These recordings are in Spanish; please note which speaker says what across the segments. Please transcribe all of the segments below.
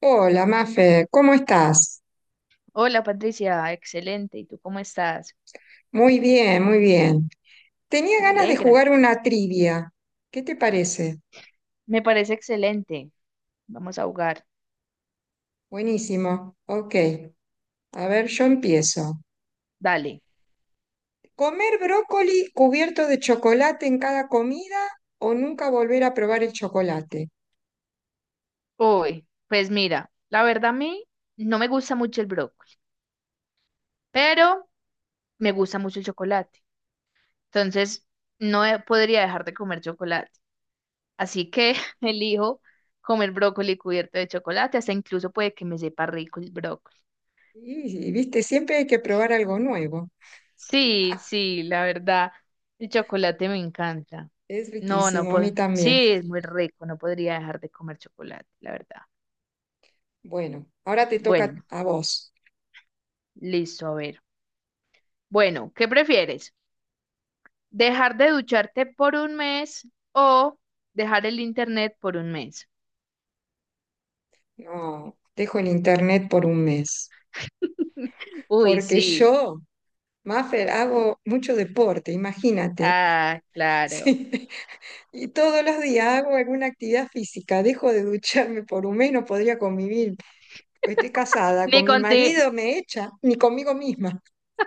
Speaker 1: Hola, Mafe, ¿cómo estás?
Speaker 2: Hola Patricia, excelente. ¿Y tú cómo estás?
Speaker 1: Muy bien, muy bien. Tenía
Speaker 2: Me
Speaker 1: ganas de
Speaker 2: alegra.
Speaker 1: jugar una trivia. ¿Qué te parece?
Speaker 2: Me parece excelente. Vamos a jugar.
Speaker 1: Buenísimo. Ok. A ver, yo empiezo.
Speaker 2: Dale.
Speaker 1: ¿Comer brócoli cubierto de chocolate en cada comida o nunca volver a probar el chocolate?
Speaker 2: Hoy, pues mira, la verdad a mí no me gusta mucho el brócoli, pero me gusta mucho el chocolate. Entonces, no he- podría dejar de comer chocolate. Así que elijo comer brócoli cubierto de chocolate. Hasta incluso puede que me sepa rico el brócoli.
Speaker 1: Y, viste, siempre hay que probar algo nuevo.
Speaker 2: Sí, sí, la verdad, el chocolate me encanta.
Speaker 1: Es
Speaker 2: No, no
Speaker 1: riquísimo, a mí
Speaker 2: puedo.
Speaker 1: también.
Speaker 2: Sí, es muy rico, no podría dejar de comer chocolate, la verdad.
Speaker 1: Bueno, ahora te toca
Speaker 2: Bueno,
Speaker 1: a vos.
Speaker 2: listo, a ver. Bueno, ¿qué prefieres? ¿Dejar de ducharte por un mes o dejar el internet por un mes?
Speaker 1: No, dejo el internet por un mes.
Speaker 2: Uy,
Speaker 1: Porque
Speaker 2: sí.
Speaker 1: yo Mafer, hago mucho deporte, imagínate.
Speaker 2: Ah, claro.
Speaker 1: Sí. Y todos los días hago alguna actividad física. Dejo de ducharme por un mes, no podría convivir. Estoy casada,
Speaker 2: Ni
Speaker 1: con mi
Speaker 2: contigo.
Speaker 1: marido me echa, ni conmigo misma.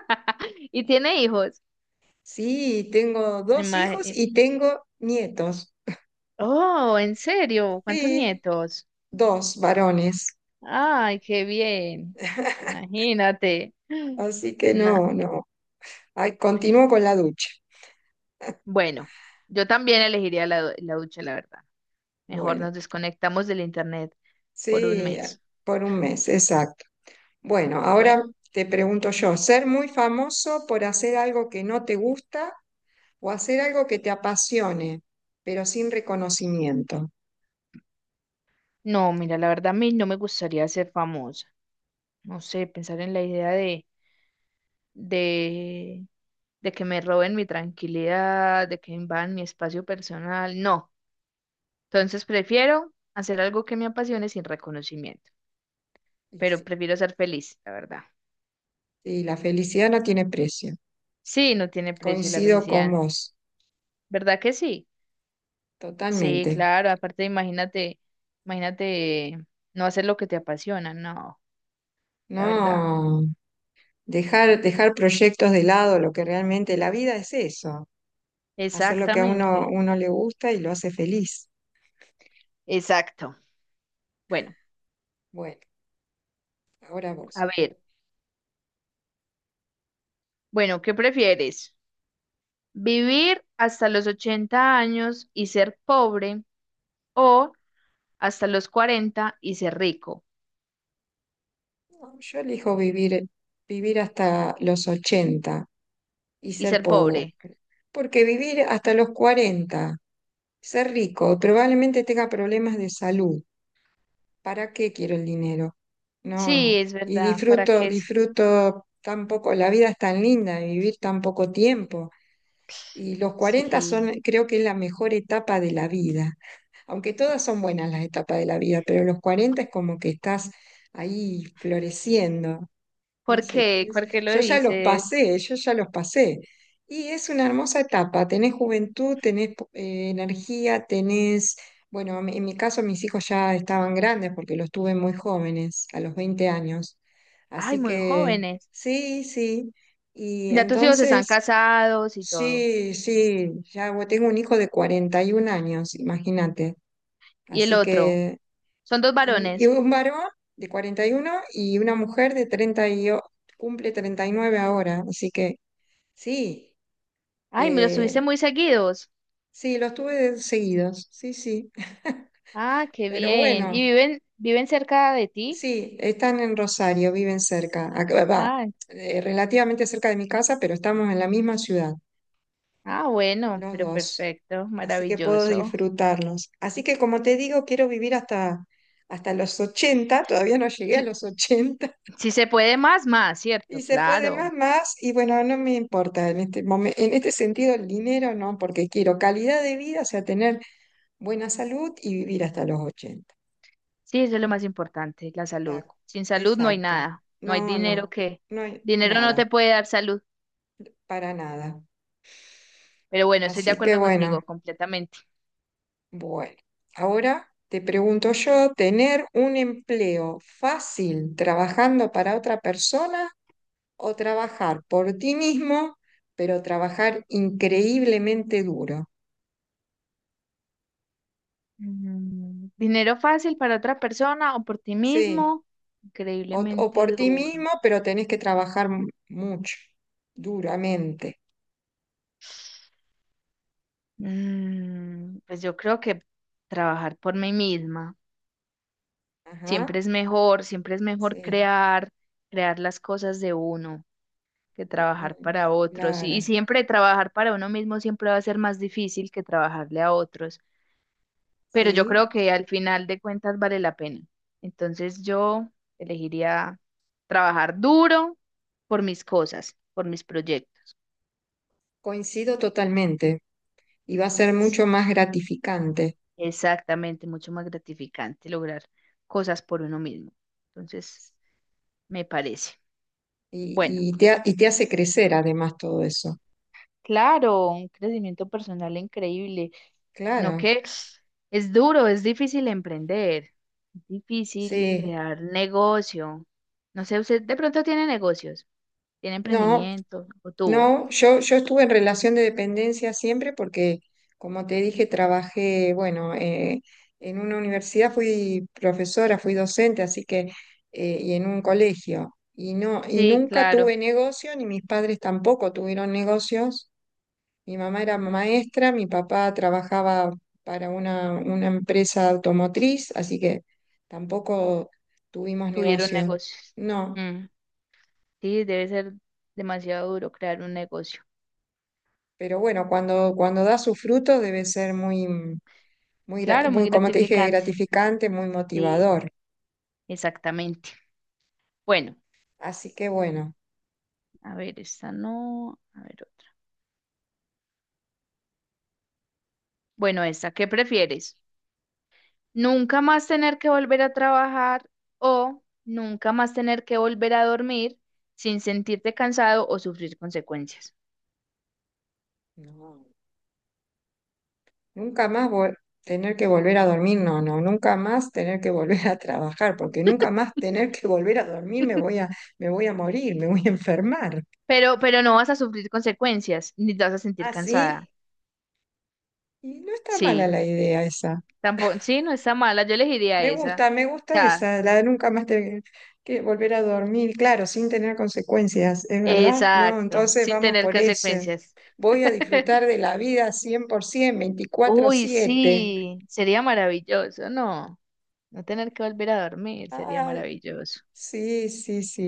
Speaker 2: ¿Y tiene hijos?
Speaker 1: Sí, tengo dos
Speaker 2: Ima-
Speaker 1: hijos
Speaker 2: eh,
Speaker 1: y tengo nietos.
Speaker 2: Oh, ¿en serio? ¿Cuántos
Speaker 1: Sí,
Speaker 2: nietos?
Speaker 1: dos varones.
Speaker 2: Ay, qué bien. Imagínate.
Speaker 1: Así que
Speaker 2: Nah.
Speaker 1: no, no. Ay, continúo con la ducha.
Speaker 2: Bueno, yo también elegiría la ducha, la verdad. Mejor
Speaker 1: Bueno,
Speaker 2: nos desconectamos del internet por un
Speaker 1: sí,
Speaker 2: mes.
Speaker 1: por un mes, exacto. Bueno,
Speaker 2: Bueno,
Speaker 1: ahora te pregunto yo, ¿ser muy famoso por hacer algo que no te gusta o hacer algo que te apasione, pero sin reconocimiento?
Speaker 2: no, mira, la verdad a mí no me gustaría ser famosa. No sé, pensar en la idea de, de que me roben mi tranquilidad, de que invadan mi espacio personal. No. Entonces prefiero hacer algo que me apasione sin reconocimiento,
Speaker 1: Y
Speaker 2: pero
Speaker 1: sí,
Speaker 2: prefiero ser feliz, la verdad.
Speaker 1: y la felicidad no tiene precio.
Speaker 2: Sí, no tiene precio la
Speaker 1: Coincido con
Speaker 2: felicidad.
Speaker 1: vos,
Speaker 2: ¿Verdad que sí? Sí,
Speaker 1: totalmente.
Speaker 2: claro. Aparte, imagínate no hacer lo que te apasiona. No, la verdad.
Speaker 1: No, dejar proyectos de lado, lo que realmente la vida es eso, hacer lo que a uno,
Speaker 2: Exactamente.
Speaker 1: uno le gusta y lo hace feliz.
Speaker 2: Exacto. Bueno,
Speaker 1: Bueno, ahora
Speaker 2: a
Speaker 1: vos.
Speaker 2: ver. Bueno, ¿qué prefieres? ¿Vivir hasta los 80 años y ser pobre o hasta los 40 y ser rico
Speaker 1: No, yo elijo vivir hasta los ochenta y
Speaker 2: y
Speaker 1: ser
Speaker 2: ser
Speaker 1: pobre.
Speaker 2: pobre?
Speaker 1: Porque vivir hasta los 40 ser rico, probablemente tenga problemas de salud. ¿Para qué quiero el dinero?
Speaker 2: Sí,
Speaker 1: No,
Speaker 2: es
Speaker 1: y
Speaker 2: verdad. ¿Para
Speaker 1: disfruto,
Speaker 2: qué?
Speaker 1: disfruto tan poco, la vida es tan linda, y vivir tan poco tiempo. Y los cuarenta son,
Speaker 2: Sí.
Speaker 1: creo que es la mejor etapa de la vida. Aunque todas son buenas las etapas de la vida, pero los 40 es como que estás ahí floreciendo. No
Speaker 2: ¿Por
Speaker 1: sé qué
Speaker 2: qué?
Speaker 1: es.
Speaker 2: ¿Por qué lo
Speaker 1: Yo ya los
Speaker 2: dices?
Speaker 1: pasé, yo ya los pasé. Y es una hermosa etapa. Tenés juventud, tenés energía, tenés, bueno, en mi caso mis hijos ya estaban grandes porque los tuve muy jóvenes, a los 20 años.
Speaker 2: Ay,
Speaker 1: Así
Speaker 2: muy
Speaker 1: que
Speaker 2: jóvenes.
Speaker 1: sí, sí. Y
Speaker 2: Ya tus hijos están
Speaker 1: entonces,
Speaker 2: casados y todo.
Speaker 1: sí, sí, ya bueno, tengo un hijo de 41 años, imagínate.
Speaker 2: ¿Y el
Speaker 1: Así
Speaker 2: otro?
Speaker 1: que
Speaker 2: Son dos
Speaker 1: y
Speaker 2: varones.
Speaker 1: un varón de cuarenta y uno y una mujer de 30 y, cumple 39 ahora. Así que sí,
Speaker 2: Ay, me los tuviste
Speaker 1: eh,
Speaker 2: muy seguidos.
Speaker 1: sí, los tuve seguidos, sí, sí.
Speaker 2: Ah, qué
Speaker 1: Pero
Speaker 2: bien. ¿Y
Speaker 1: bueno,
Speaker 2: viven cerca de ti?
Speaker 1: sí, están en Rosario, viven cerca. Va,
Speaker 2: Ah,
Speaker 1: relativamente cerca de mi casa, pero estamos en la misma ciudad,
Speaker 2: ah, bueno,
Speaker 1: los
Speaker 2: pero
Speaker 1: dos.
Speaker 2: perfecto,
Speaker 1: Así que puedo
Speaker 2: maravilloso.
Speaker 1: disfrutarlos. Así que como te digo, quiero vivir hasta los ochenta, todavía no llegué
Speaker 2: Si,
Speaker 1: a los ochenta.
Speaker 2: si se puede más, más,
Speaker 1: Y
Speaker 2: ¿cierto?
Speaker 1: se puede
Speaker 2: Claro.
Speaker 1: más, más, y bueno, no me importa en este momento, en este sentido el dinero no, porque quiero calidad de vida, o sea, tener buena salud y vivir hasta los ochenta.
Speaker 2: Sí, eso es lo más importante, la salud.
Speaker 1: Exacto,
Speaker 2: Sin salud no hay
Speaker 1: exacto.
Speaker 2: nada. No hay
Speaker 1: No,
Speaker 2: dinero
Speaker 1: no,
Speaker 2: que...
Speaker 1: no hay
Speaker 2: Dinero no te
Speaker 1: nada,
Speaker 2: puede dar salud.
Speaker 1: para nada.
Speaker 2: Pero bueno, estoy de
Speaker 1: Así que
Speaker 2: acuerdo contigo
Speaker 1: bueno,
Speaker 2: completamente.
Speaker 1: bueno. Ahora te pregunto yo, ¿tener un empleo fácil trabajando para otra persona o trabajar por ti mismo, pero trabajar increíblemente duro?
Speaker 2: Mm, dinero fácil para otra persona o por ti
Speaker 1: Sí.
Speaker 2: mismo,
Speaker 1: O por
Speaker 2: increíblemente
Speaker 1: ti
Speaker 2: duro.
Speaker 1: mismo, pero tenés que trabajar mucho, duramente.
Speaker 2: Mm, pues yo creo que trabajar por mí misma
Speaker 1: Ajá,
Speaker 2: siempre es mejor
Speaker 1: sí,
Speaker 2: crear, crear las cosas de uno que trabajar
Speaker 1: total,
Speaker 2: para otros. Y
Speaker 1: claro,
Speaker 2: siempre trabajar para uno mismo siempre va a ser más difícil que trabajarle a otros. Pero yo creo
Speaker 1: sí,
Speaker 2: que al final de cuentas vale la pena. Entonces yo elegiría trabajar duro por mis cosas, por mis proyectos.
Speaker 1: coincido totalmente. Y va a ser
Speaker 2: Sí,
Speaker 1: mucho más gratificante.
Speaker 2: exactamente, mucho más gratificante lograr cosas por uno mismo. Entonces, me parece. Bueno,
Speaker 1: Y te, y te hace crecer además todo eso.
Speaker 2: claro, un crecimiento personal increíble. No
Speaker 1: Claro,
Speaker 2: que es duro, es difícil emprender, es difícil
Speaker 1: sí.
Speaker 2: crear negocio. No sé, usted de pronto tiene negocios, tiene
Speaker 1: No,
Speaker 2: emprendimiento o tuvo.
Speaker 1: no, yo estuve en relación de dependencia siempre porque, como te dije, trabajé, bueno, en una universidad fui profesora, fui docente, así que, y en un colegio. Y no, y
Speaker 2: Sí,
Speaker 1: nunca
Speaker 2: claro.
Speaker 1: tuve negocio, ni mis padres tampoco tuvieron negocios. Mi mamá era
Speaker 2: Ujú.
Speaker 1: maestra, mi papá trabajaba para una empresa automotriz, así que tampoco tuvimos
Speaker 2: Tuvieron
Speaker 1: negocio.
Speaker 2: negocios.
Speaker 1: No,
Speaker 2: Mm. Sí, debe ser demasiado duro crear un negocio.
Speaker 1: pero bueno, cuando da sus frutos debe ser muy muy, gra-
Speaker 2: Claro, muy
Speaker 1: muy, como te dije,
Speaker 2: gratificante.
Speaker 1: gratificante, muy
Speaker 2: Sí,
Speaker 1: motivador.
Speaker 2: exactamente. Bueno,
Speaker 1: Así que bueno,
Speaker 2: a ver, esta no, a ver otra. Bueno, esta, ¿qué prefieres? ¿Nunca más tener que volver a trabajar o nunca más tener que volver a dormir sin sentirte cansado o sufrir consecuencias?
Speaker 1: no, nunca más vol- tener que volver a dormir, no, no, nunca más tener que volver a trabajar, porque nunca más tener que volver a dormir me me voy a morir, me voy a enfermar.
Speaker 2: Pero no vas a sufrir consecuencias, ni te vas a sentir cansada.
Speaker 1: Así, y no está mala
Speaker 2: Sí,
Speaker 1: la idea esa.
Speaker 2: tampoco, sí, no está mala, yo elegiría
Speaker 1: Me
Speaker 2: esa.
Speaker 1: gusta, me
Speaker 2: O
Speaker 1: gusta
Speaker 2: sea,
Speaker 1: esa, la de nunca más tener que volver a dormir, claro, sin tener consecuencias, ¿es verdad? No,
Speaker 2: exacto,
Speaker 1: entonces
Speaker 2: sin
Speaker 1: vamos
Speaker 2: tener
Speaker 1: por ese.
Speaker 2: consecuencias.
Speaker 1: Voy a disfrutar de la vida 100%, veinticuatro
Speaker 2: Uy,
Speaker 1: siete.
Speaker 2: sí, sería maravilloso, no, no tener que volver a dormir, sería
Speaker 1: Ay,
Speaker 2: maravilloso.
Speaker 1: sí, sí, sí.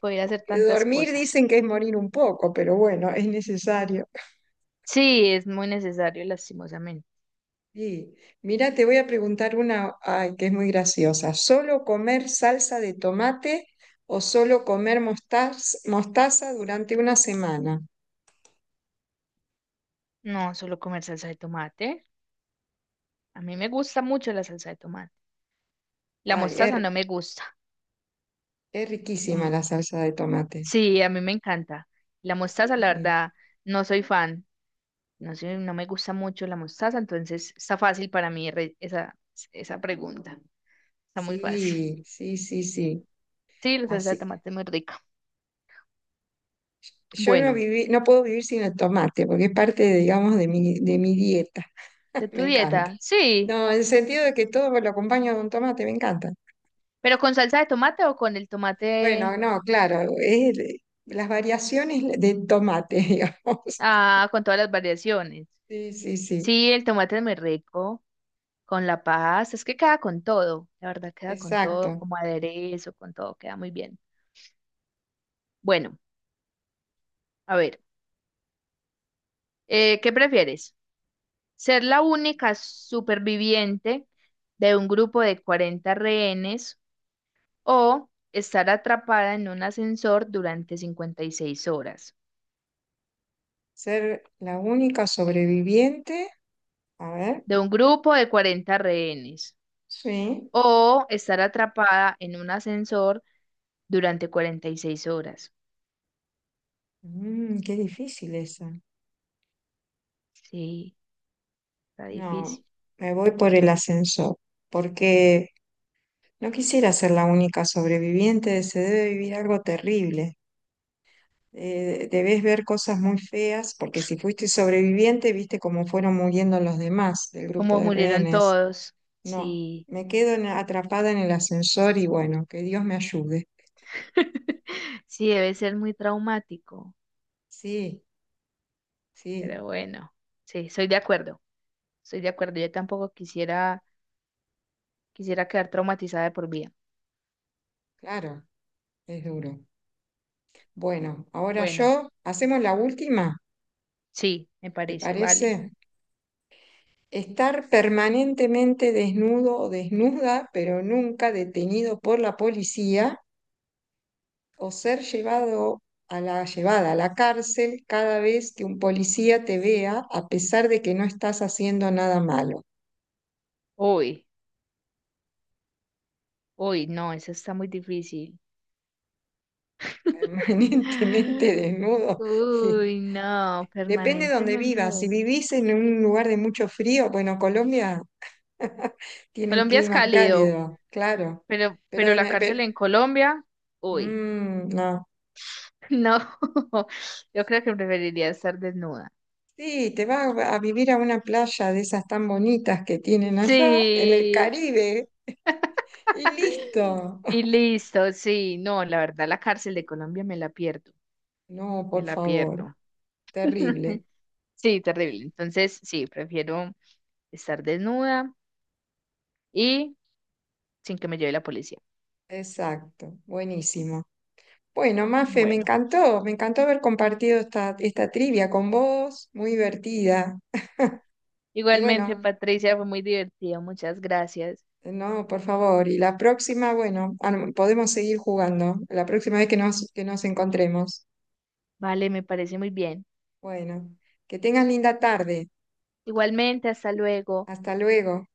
Speaker 2: Poder hacer tantas
Speaker 1: Dormir
Speaker 2: cosas.
Speaker 1: dicen que es morir un poco, pero bueno, es necesario.
Speaker 2: Sí, es muy necesario, lastimosamente.
Speaker 1: Sí. Mira, te voy a preguntar una, ay, que es muy graciosa. ¿Solo comer salsa de tomate o solo comer mostaza durante una semana?
Speaker 2: No, solo comer salsa de tomate. A mí me gusta mucho la salsa de tomate. La
Speaker 1: Ay,
Speaker 2: mostaza no me gusta.
Speaker 1: es riquísima
Speaker 2: Mm,
Speaker 1: la salsa de tomate.
Speaker 2: sí, a mí me encanta. La mostaza, la
Speaker 1: Sí,
Speaker 2: verdad, no soy fan. No sé, no me gusta mucho la mostaza, entonces está fácil para mí esa, esa pregunta. Está muy fácil.
Speaker 1: sí, sí, sí, sí, sí.
Speaker 2: Sí, la salsa de
Speaker 1: Así.
Speaker 2: tomate es muy rica.
Speaker 1: Yo no
Speaker 2: Bueno,
Speaker 1: viví, no puedo vivir sin el tomate, porque es parte, digamos, de de mi dieta.
Speaker 2: de
Speaker 1: Me
Speaker 2: tu
Speaker 1: encanta.
Speaker 2: dieta, sí,
Speaker 1: No, en el sentido de que todo lo acompaño con tomate, me encanta.
Speaker 2: pero ¿con salsa de tomate o con el tomate,
Speaker 1: Bueno, no, claro, las variaciones de tomate, digamos.
Speaker 2: ah, con todas las variaciones?
Speaker 1: Sí, sí, sí,
Speaker 2: Sí, el tomate es muy rico, con la pasta, es que queda con todo, la verdad queda con todo,
Speaker 1: exacto.
Speaker 2: como aderezo, con todo, queda muy bien. Bueno, a ver, ¿qué prefieres? ¿Ser la única superviviente de un grupo de 40 rehenes o estar atrapada en un ascensor durante 56 horas?
Speaker 1: Ser la única sobreviviente. A ver,
Speaker 2: De un grupo de 40 rehenes
Speaker 1: sí.
Speaker 2: o estar atrapada en un ascensor durante 46 horas.
Speaker 1: Mm, qué difícil esa.
Speaker 2: Sí, está
Speaker 1: No,
Speaker 2: difícil.
Speaker 1: me voy por el ascensor, porque no quisiera ser la única sobreviviente, se debe vivir algo terrible. Debes ver cosas muy feas, porque si fuiste sobreviviente, viste cómo fueron muriendo los demás del grupo
Speaker 2: Como
Speaker 1: de
Speaker 2: murieron
Speaker 1: rehenes.
Speaker 2: todos.
Speaker 1: No,
Speaker 2: Sí,
Speaker 1: me quedo atrapada en el ascensor y bueno, que Dios me ayude.
Speaker 2: sí, debe ser muy traumático.
Speaker 1: Sí, sí,
Speaker 2: Pero bueno, sí, soy de acuerdo. Soy de acuerdo. Yo tampoco quisiera. Quisiera quedar traumatizada de por vida.
Speaker 1: claro, es duro. Bueno, ahora
Speaker 2: Bueno,
Speaker 1: yo, hacemos la última,
Speaker 2: sí, me
Speaker 1: ¿te
Speaker 2: parece, vale.
Speaker 1: parece? Estar permanentemente desnudo o desnuda, pero nunca detenido por la policía, o ser llevado a llevada a la cárcel cada vez que un policía te vea, a pesar de que no estás haciendo nada malo.
Speaker 2: Uy, uy, no, eso está muy difícil.
Speaker 1: Permanentemente desnudo. Y
Speaker 2: Uy, no,
Speaker 1: depende de donde vivas. Si
Speaker 2: permanentemente.
Speaker 1: vivís en un lugar de mucho frío, bueno, Colombia tiene un
Speaker 2: Colombia es
Speaker 1: clima
Speaker 2: cálido,
Speaker 1: cálido, claro.
Speaker 2: pero,
Speaker 1: Pero,
Speaker 2: pero la
Speaker 1: de-
Speaker 2: cárcel
Speaker 1: pero-
Speaker 2: en Colombia, uy,
Speaker 1: mm, no.
Speaker 2: no, yo creo que preferiría estar desnuda.
Speaker 1: Sí, te vas a vivir a una playa de esas tan bonitas que tienen allá, en el
Speaker 2: Sí,
Speaker 1: Caribe, y listo.
Speaker 2: y listo, sí, no, la verdad, la cárcel de Colombia me la pierdo,
Speaker 1: No,
Speaker 2: me
Speaker 1: por
Speaker 2: la
Speaker 1: favor,
Speaker 2: pierdo.
Speaker 1: terrible.
Speaker 2: Sí, terrible. Entonces, sí, prefiero estar desnuda y sin que me lleve la policía.
Speaker 1: Exacto, buenísimo. Bueno, Mafe,
Speaker 2: Bueno,
Speaker 1: me encantó haber compartido esta trivia con vos, muy divertida. Y
Speaker 2: igualmente,
Speaker 1: bueno,
Speaker 2: Patricia, fue muy divertido. Muchas gracias.
Speaker 1: no, por favor, y la próxima, bueno, ah, no, podemos seguir jugando, la próxima vez que que nos encontremos.
Speaker 2: Vale, me parece muy bien.
Speaker 1: Bueno, que tengas linda tarde.
Speaker 2: Igualmente, hasta luego.
Speaker 1: Hasta luego.